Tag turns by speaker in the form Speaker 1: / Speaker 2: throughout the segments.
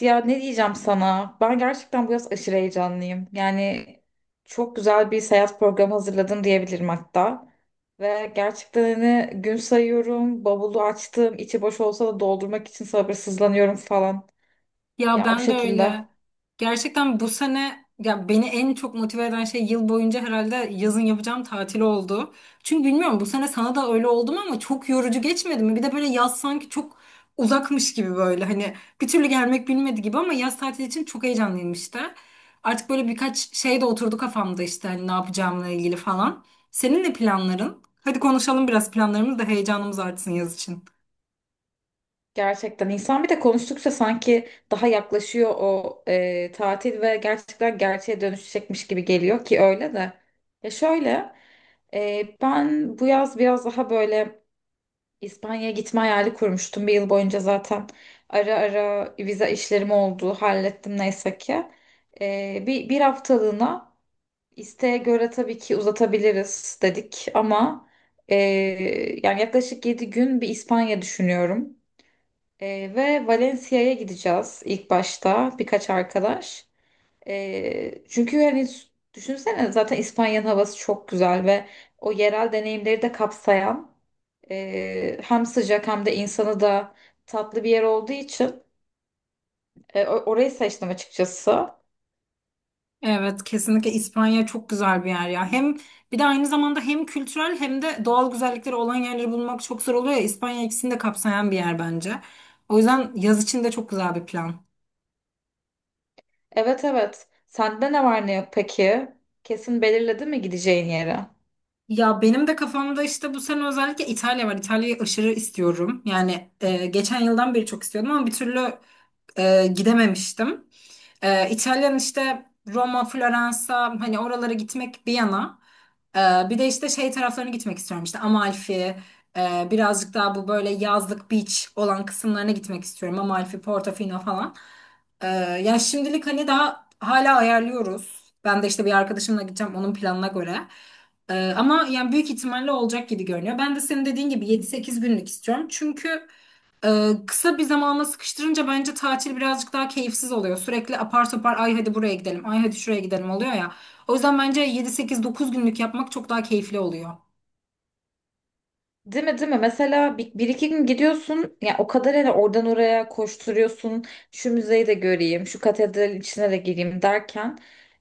Speaker 1: Ya ne diyeceğim sana? Ben gerçekten bu yaz aşırı heyecanlıyım. Yani çok güzel bir seyahat programı hazırladım diyebilirim hatta. Ve gerçekten hani gün sayıyorum, bavulu açtım, içi boş olsa da doldurmak için sabırsızlanıyorum falan.
Speaker 2: Ya
Speaker 1: Ya o
Speaker 2: ben de
Speaker 1: şekilde.
Speaker 2: öyle. Gerçekten bu sene ya beni en çok motive eden şey yıl boyunca herhalde yazın yapacağım tatil oldu. Çünkü bilmiyorum bu sene sana da öyle oldu mu ama çok yorucu geçmedi mi? Bir de böyle yaz sanki çok uzakmış gibi böyle hani bir türlü gelmek bilmedi gibi ama yaz tatili için çok heyecanlıyım işte. Artık böyle birkaç şey de oturdu kafamda işte hani ne yapacağımla ilgili falan. Senin ne planların? Hadi konuşalım biraz planlarımız da heyecanımız artsın yaz için.
Speaker 1: Gerçekten insan bir de konuştukça sanki daha yaklaşıyor o tatil ve gerçekten gerçeğe dönüşecekmiş gibi geliyor ki öyle de. Ya şöyle, ben bu yaz biraz daha böyle İspanya'ya gitme hayali kurmuştum bir yıl boyunca zaten. Ara ara vize işlerim oldu. Hallettim neyse ki. Bir haftalığına isteğe göre tabii ki uzatabiliriz dedik ama e, yani yaklaşık 7 gün bir İspanya düşünüyorum. Ve Valencia'ya gideceğiz ilk başta birkaç arkadaş. Çünkü yani düşünsene zaten İspanya'nın havası çok güzel ve o yerel deneyimleri de kapsayan hem sıcak hem de insanı da tatlı bir yer olduğu için orayı seçtim açıkçası.
Speaker 2: Evet, kesinlikle İspanya çok güzel bir yer ya. Hem bir de aynı zamanda hem kültürel hem de doğal güzellikleri olan yerleri bulmak çok zor oluyor ya. İspanya ikisini de kapsayan bir yer bence. O yüzden yaz için de çok güzel bir plan.
Speaker 1: Evet, evet. Sende ne var ne yok peki? Kesin belirledin mi gideceğin yeri?
Speaker 2: Ya benim de kafamda işte bu sene özellikle İtalya var. İtalya'yı aşırı istiyorum. Yani geçen yıldan beri çok istiyordum ama bir türlü gidememiştim. İtalyan işte Roma, Floransa hani oralara gitmek bir yana. E, Bir de işte şey taraflarına gitmek istiyorum işte Amalfi, birazcık daha bu böyle yazlık beach olan kısımlarına gitmek istiyorum. Amalfi, Portofino falan. E, Ya şimdilik hani daha hala ayarlıyoruz. Ben de işte bir arkadaşımla gideceğim onun planına göre. Ama yani büyük ihtimalle olacak gibi görünüyor. Ben de senin dediğin gibi 7-8 günlük istiyorum. Çünkü kısa bir zamana sıkıştırınca bence tatil birazcık daha keyifsiz oluyor. Sürekli apar topar ay hadi buraya gidelim, ay hadi şuraya gidelim oluyor ya. O yüzden bence 7-8-9 günlük yapmak çok daha keyifli oluyor.
Speaker 1: Değil mi, değil mi? Mesela bir iki gün gidiyorsun ya o kadar hani oradan oraya koşturuyorsun, şu müzeyi de göreyim, şu katedral içine de gireyim derken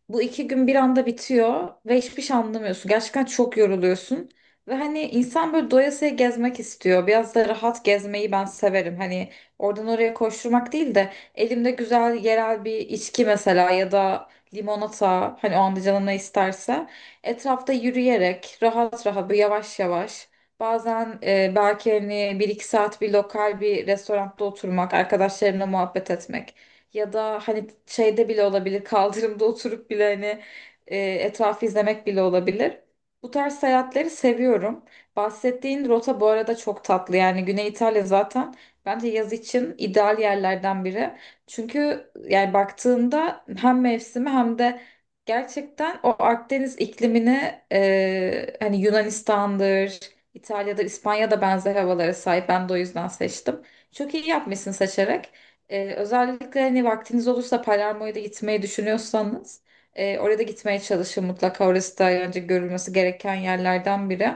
Speaker 1: bu 2 gün bir anda bitiyor ve hiçbir şey anlamıyorsun. Gerçekten çok yoruluyorsun ve hani insan böyle doyasıya gezmek istiyor. Biraz da rahat gezmeyi ben severim. Hani oradan oraya koşturmak değil de elimde güzel yerel bir içki mesela ya da limonata, hani o anda canına isterse etrafta yürüyerek rahat rahat böyle yavaş yavaş. Bazen belki hani bir iki saat bir lokal bir restoranda oturmak, arkadaşlarımla muhabbet etmek ya da hani şeyde bile olabilir, kaldırımda oturup bile hani etrafı izlemek bile olabilir. Bu tarz seyahatleri seviyorum. Bahsettiğin rota bu arada çok tatlı. Yani Güney İtalya zaten bence yaz için ideal yerlerden biri. Çünkü yani baktığında hem mevsimi hem de gerçekten o Akdeniz iklimini, hani Yunanistan'dır, İtalya'da, İspanya'da benzer havalara sahip. Ben de o yüzden seçtim. Çok iyi yapmışsın seçerek. Özellikle hani vaktiniz olursa Palermo'ya da gitmeyi düşünüyorsanız oraya da gitmeye çalışın mutlaka. Orası da önce görülmesi gereken yerlerden biri.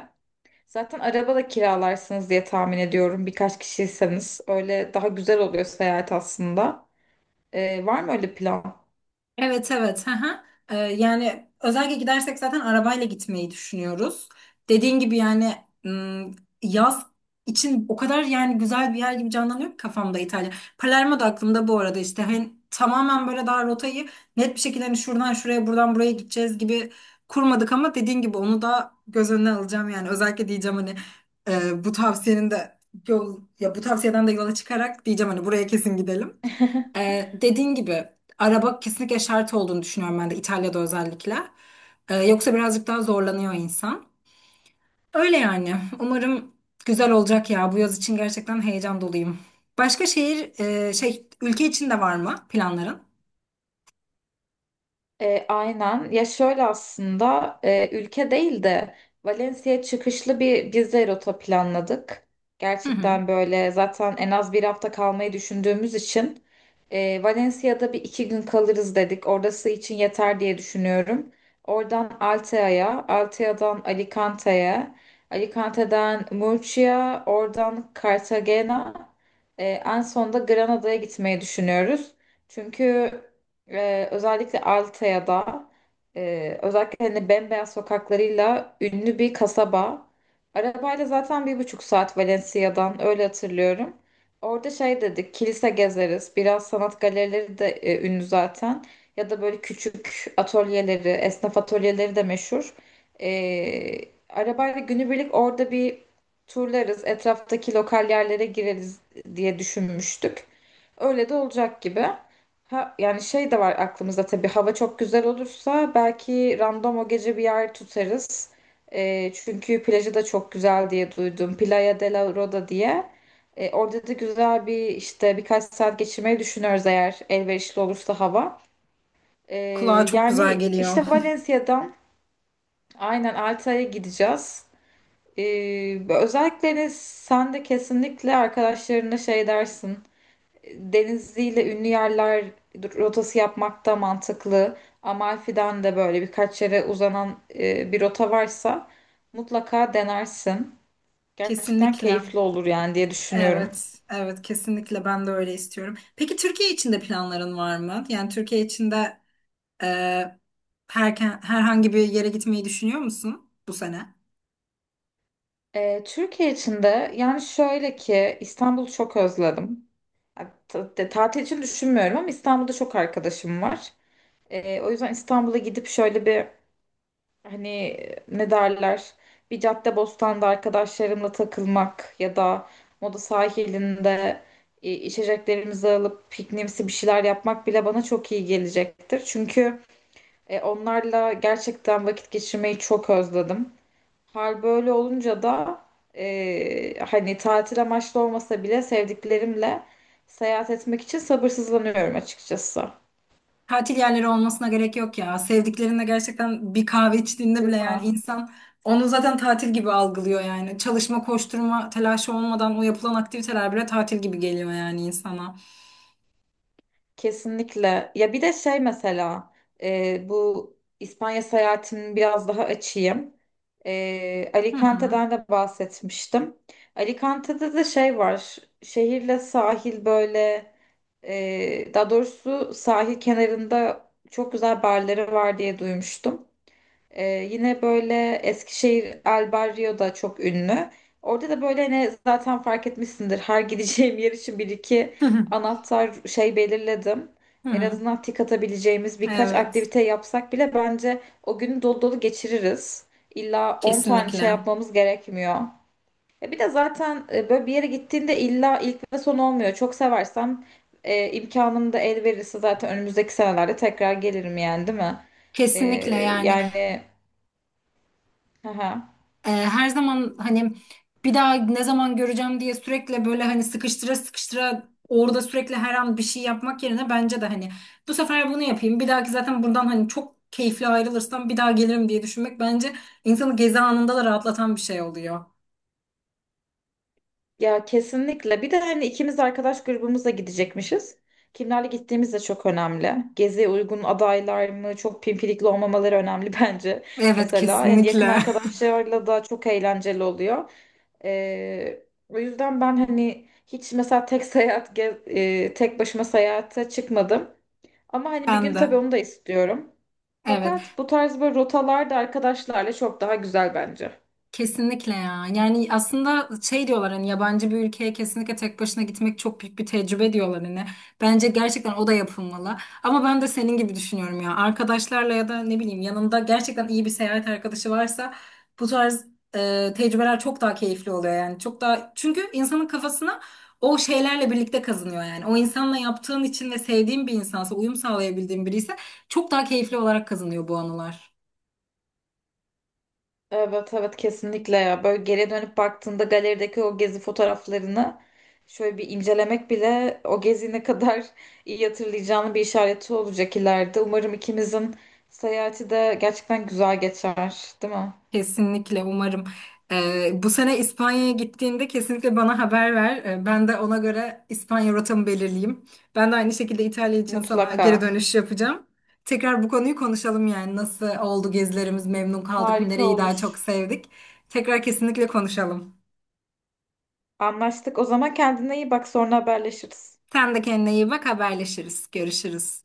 Speaker 1: Zaten araba da kiralarsınız diye tahmin ediyorum. Birkaç kişiyseniz öyle daha güzel oluyor seyahat aslında. Var mı öyle plan?
Speaker 2: Evet, evet. Hı hı. Yani özellikle gidersek zaten arabayla gitmeyi düşünüyoruz. Dediğin gibi yani ım, yaz için o kadar yani güzel bir yer gibi canlanıyor ki kafamda İtalya. Palermo da aklımda bu arada işte hani tamamen böyle daha rotayı net bir şekilde hani şuradan şuraya buradan buraya gideceğiz gibi kurmadık ama dediğin gibi onu da göz önüne alacağım yani özellikle diyeceğim hani bu tavsiyenin de yol ya bu tavsiyeden de yola çıkarak diyeceğim hani buraya kesin gidelim. Dediğin gibi. Araba kesinlikle şart olduğunu düşünüyorum ben de İtalya'da özellikle. Yoksa birazcık daha zorlanıyor insan. Öyle yani. Umarım güzel olacak ya. Bu yaz için gerçekten heyecan doluyum. Başka şehir, ülke için de var mı planların?
Speaker 1: Aynen. Ya şöyle aslında ülke değil de Valencia çıkışlı bir gezi rota planladık.
Speaker 2: Hı hı.
Speaker 1: Gerçekten böyle zaten en az bir hafta kalmayı düşündüğümüz için Valencia'da bir iki gün kalırız dedik. Orası için yeter diye düşünüyorum. Oradan Altea'ya, Altea'dan Alicante'ye, Alicante'den Murcia, oradan Cartagena, en sonunda Granada'ya gitmeyi düşünüyoruz. Çünkü özellikle Altaya da özellikle hani bembeyaz sokaklarıyla ünlü bir kasaba. Arabayla zaten 1,5 saat Valencia'dan öyle hatırlıyorum. Orada şey dedik, kilise gezeriz. Biraz sanat galerileri de ünlü zaten. Ya da böyle küçük atölyeleri, esnaf atölyeleri de meşhur. Ee, Arabayla günübirlik orada bir turlarız. Etraftaki lokal yerlere gireriz diye düşünmüştük. Öyle de olacak gibi. Ha, yani şey de var aklımızda, tabii hava çok güzel olursa belki random o gece bir yer tutarız. Çünkü plajı da çok güzel diye duydum. Playa de la Roda diye. Orada da güzel bir işte birkaç saat geçirmeyi düşünüyoruz eğer elverişli olursa hava. Ee,
Speaker 2: Kulağa çok güzel
Speaker 1: Yani
Speaker 2: geliyor.
Speaker 1: işte Valencia'dan aynen Alta'ya gideceğiz. Özellikle sen de kesinlikle arkadaşlarına şey dersin. Denizli'yle ünlü yerler rotası yapmak da mantıklı. Amalfi'den de böyle birkaç yere uzanan bir rota varsa mutlaka denersin. Gerçekten
Speaker 2: Kesinlikle.
Speaker 1: keyifli olur yani diye düşünüyorum.
Speaker 2: Evet, evet, kesinlikle ben de öyle istiyorum. Peki Türkiye için de planların var mı? Yani Türkiye için de Ee, herhangi bir yere gitmeyi düşünüyor musun bu sene?
Speaker 1: Türkiye için de yani şöyle ki İstanbul'u çok özledim. Ya, tatil için düşünmüyorum ama İstanbul'da çok arkadaşım var. O yüzden İstanbul'a gidip şöyle bir, hani, ne derler, bir Caddebostan'da arkadaşlarımla takılmak ya da Moda sahilinde içeceklerimizi alıp pikniğimsi bir şeyler yapmak bile bana çok iyi gelecektir. Çünkü onlarla gerçekten vakit geçirmeyi çok özledim. Hal böyle olunca da hani tatil amaçlı olmasa bile sevdiklerimle seyahat etmek için sabırsızlanıyorum açıkçası.
Speaker 2: Tatil yerleri olmasına gerek yok ya. Sevdiklerinle gerçekten bir kahve içtiğinde
Speaker 1: Değil
Speaker 2: bile yani
Speaker 1: mi?
Speaker 2: insan onu zaten tatil gibi algılıyor yani. Çalışma, koşturma, telaşı olmadan o yapılan aktiviteler bile tatil gibi geliyor yani insana.
Speaker 1: Kesinlikle. Ya bir de şey mesela, bu İspanya seyahatimini biraz daha açayım.
Speaker 2: Hı hı.
Speaker 1: Alicante'den de bahsetmiştim. Alicante'de de şey var. Şehirle sahil böyle, daha doğrusu sahil kenarında çok güzel barları var diye duymuştum. Ee, Yine böyle Eskişehir El Barrio da çok ünlü. Orada da böyle hani zaten fark etmişsindir. Her gideceğim yer için bir iki
Speaker 2: Hı hı.
Speaker 1: anahtar şey belirledim.
Speaker 2: Hı
Speaker 1: En
Speaker 2: hı.
Speaker 1: azından tik atabileceğimiz birkaç
Speaker 2: Evet.
Speaker 1: aktivite yapsak bile bence o günü dolu dolu geçiririz. İlla 10 tane şey
Speaker 2: Kesinlikle.
Speaker 1: yapmamız gerekmiyor. E bir de zaten böyle bir yere gittiğinde illa ilk ve son olmuyor. Çok seversem imkanım da el verirse zaten önümüzdeki senelerde tekrar gelirim yani, değil mi? Ee,
Speaker 2: Kesinlikle yani.
Speaker 1: yani. Aha.
Speaker 2: Her zaman hani bir daha ne zaman göreceğim diye sürekli böyle hani sıkıştıra sıkıştıra orada sürekli her an bir şey yapmak yerine bence de hani bu sefer bunu yapayım. Bir dahaki zaten buradan hani çok keyifli ayrılırsam bir daha gelirim diye düşünmek bence insanı gezi anında da rahatlatan bir şey oluyor.
Speaker 1: Ya kesinlikle. Bir de hani ikimiz arkadaş grubumuzla gidecekmişiz. Kimlerle gittiğimiz de çok önemli. Geziye uygun adaylar mı, çok pimpirikli olmamaları önemli bence.
Speaker 2: Evet,
Speaker 1: Mesela yani yakın
Speaker 2: kesinlikle.
Speaker 1: arkadaşlarla da çok eğlenceli oluyor. O yüzden ben hani hiç mesela tek başıma seyahate çıkmadım. Ama hani bir
Speaker 2: Ben
Speaker 1: gün tabii
Speaker 2: de.
Speaker 1: onu da istiyorum.
Speaker 2: Evet.
Speaker 1: Fakat bu tarz böyle rotalar da arkadaşlarla çok daha güzel bence.
Speaker 2: Kesinlikle ya. Yani aslında şey diyorlar hani yabancı bir ülkeye kesinlikle tek başına gitmek çok büyük bir tecrübe diyorlar hani. Bence gerçekten o da yapılmalı. Ama ben de senin gibi düşünüyorum ya. Arkadaşlarla ya da ne bileyim yanında gerçekten iyi bir seyahat arkadaşı varsa bu tarz tecrübeler çok daha keyifli oluyor yani. Çok daha çünkü insanın kafasına o şeylerle birlikte kazınıyor yani. O insanla yaptığın için ve sevdiğin bir insansa, uyum sağlayabildiğin biri ise çok daha keyifli olarak kazanıyor bu anılar.
Speaker 1: Evet, evet, kesinlikle ya. Böyle geriye dönüp baktığında galerideki o gezi fotoğraflarını şöyle bir incelemek bile o gezi ne kadar iyi hatırlayacağını bir işareti olacak ileride. Umarım ikimizin seyahati de gerçekten güzel geçer, değil mi?
Speaker 2: Kesinlikle umarım. Bu sene İspanya'ya gittiğinde kesinlikle bana haber ver. Ben de ona göre İspanya rotamı belirleyeyim. Ben de aynı şekilde İtalya için sana geri
Speaker 1: Mutlaka.
Speaker 2: dönüş yapacağım. Tekrar bu konuyu konuşalım yani nasıl oldu gezilerimiz, memnun kaldık mı,
Speaker 1: Harika
Speaker 2: nereyi daha çok
Speaker 1: olur.
Speaker 2: sevdik. Tekrar kesinlikle konuşalım.
Speaker 1: Anlaştık. O zaman kendine iyi bak, sonra haberleşiriz.
Speaker 2: Sen de kendine iyi bak, haberleşiriz, görüşürüz.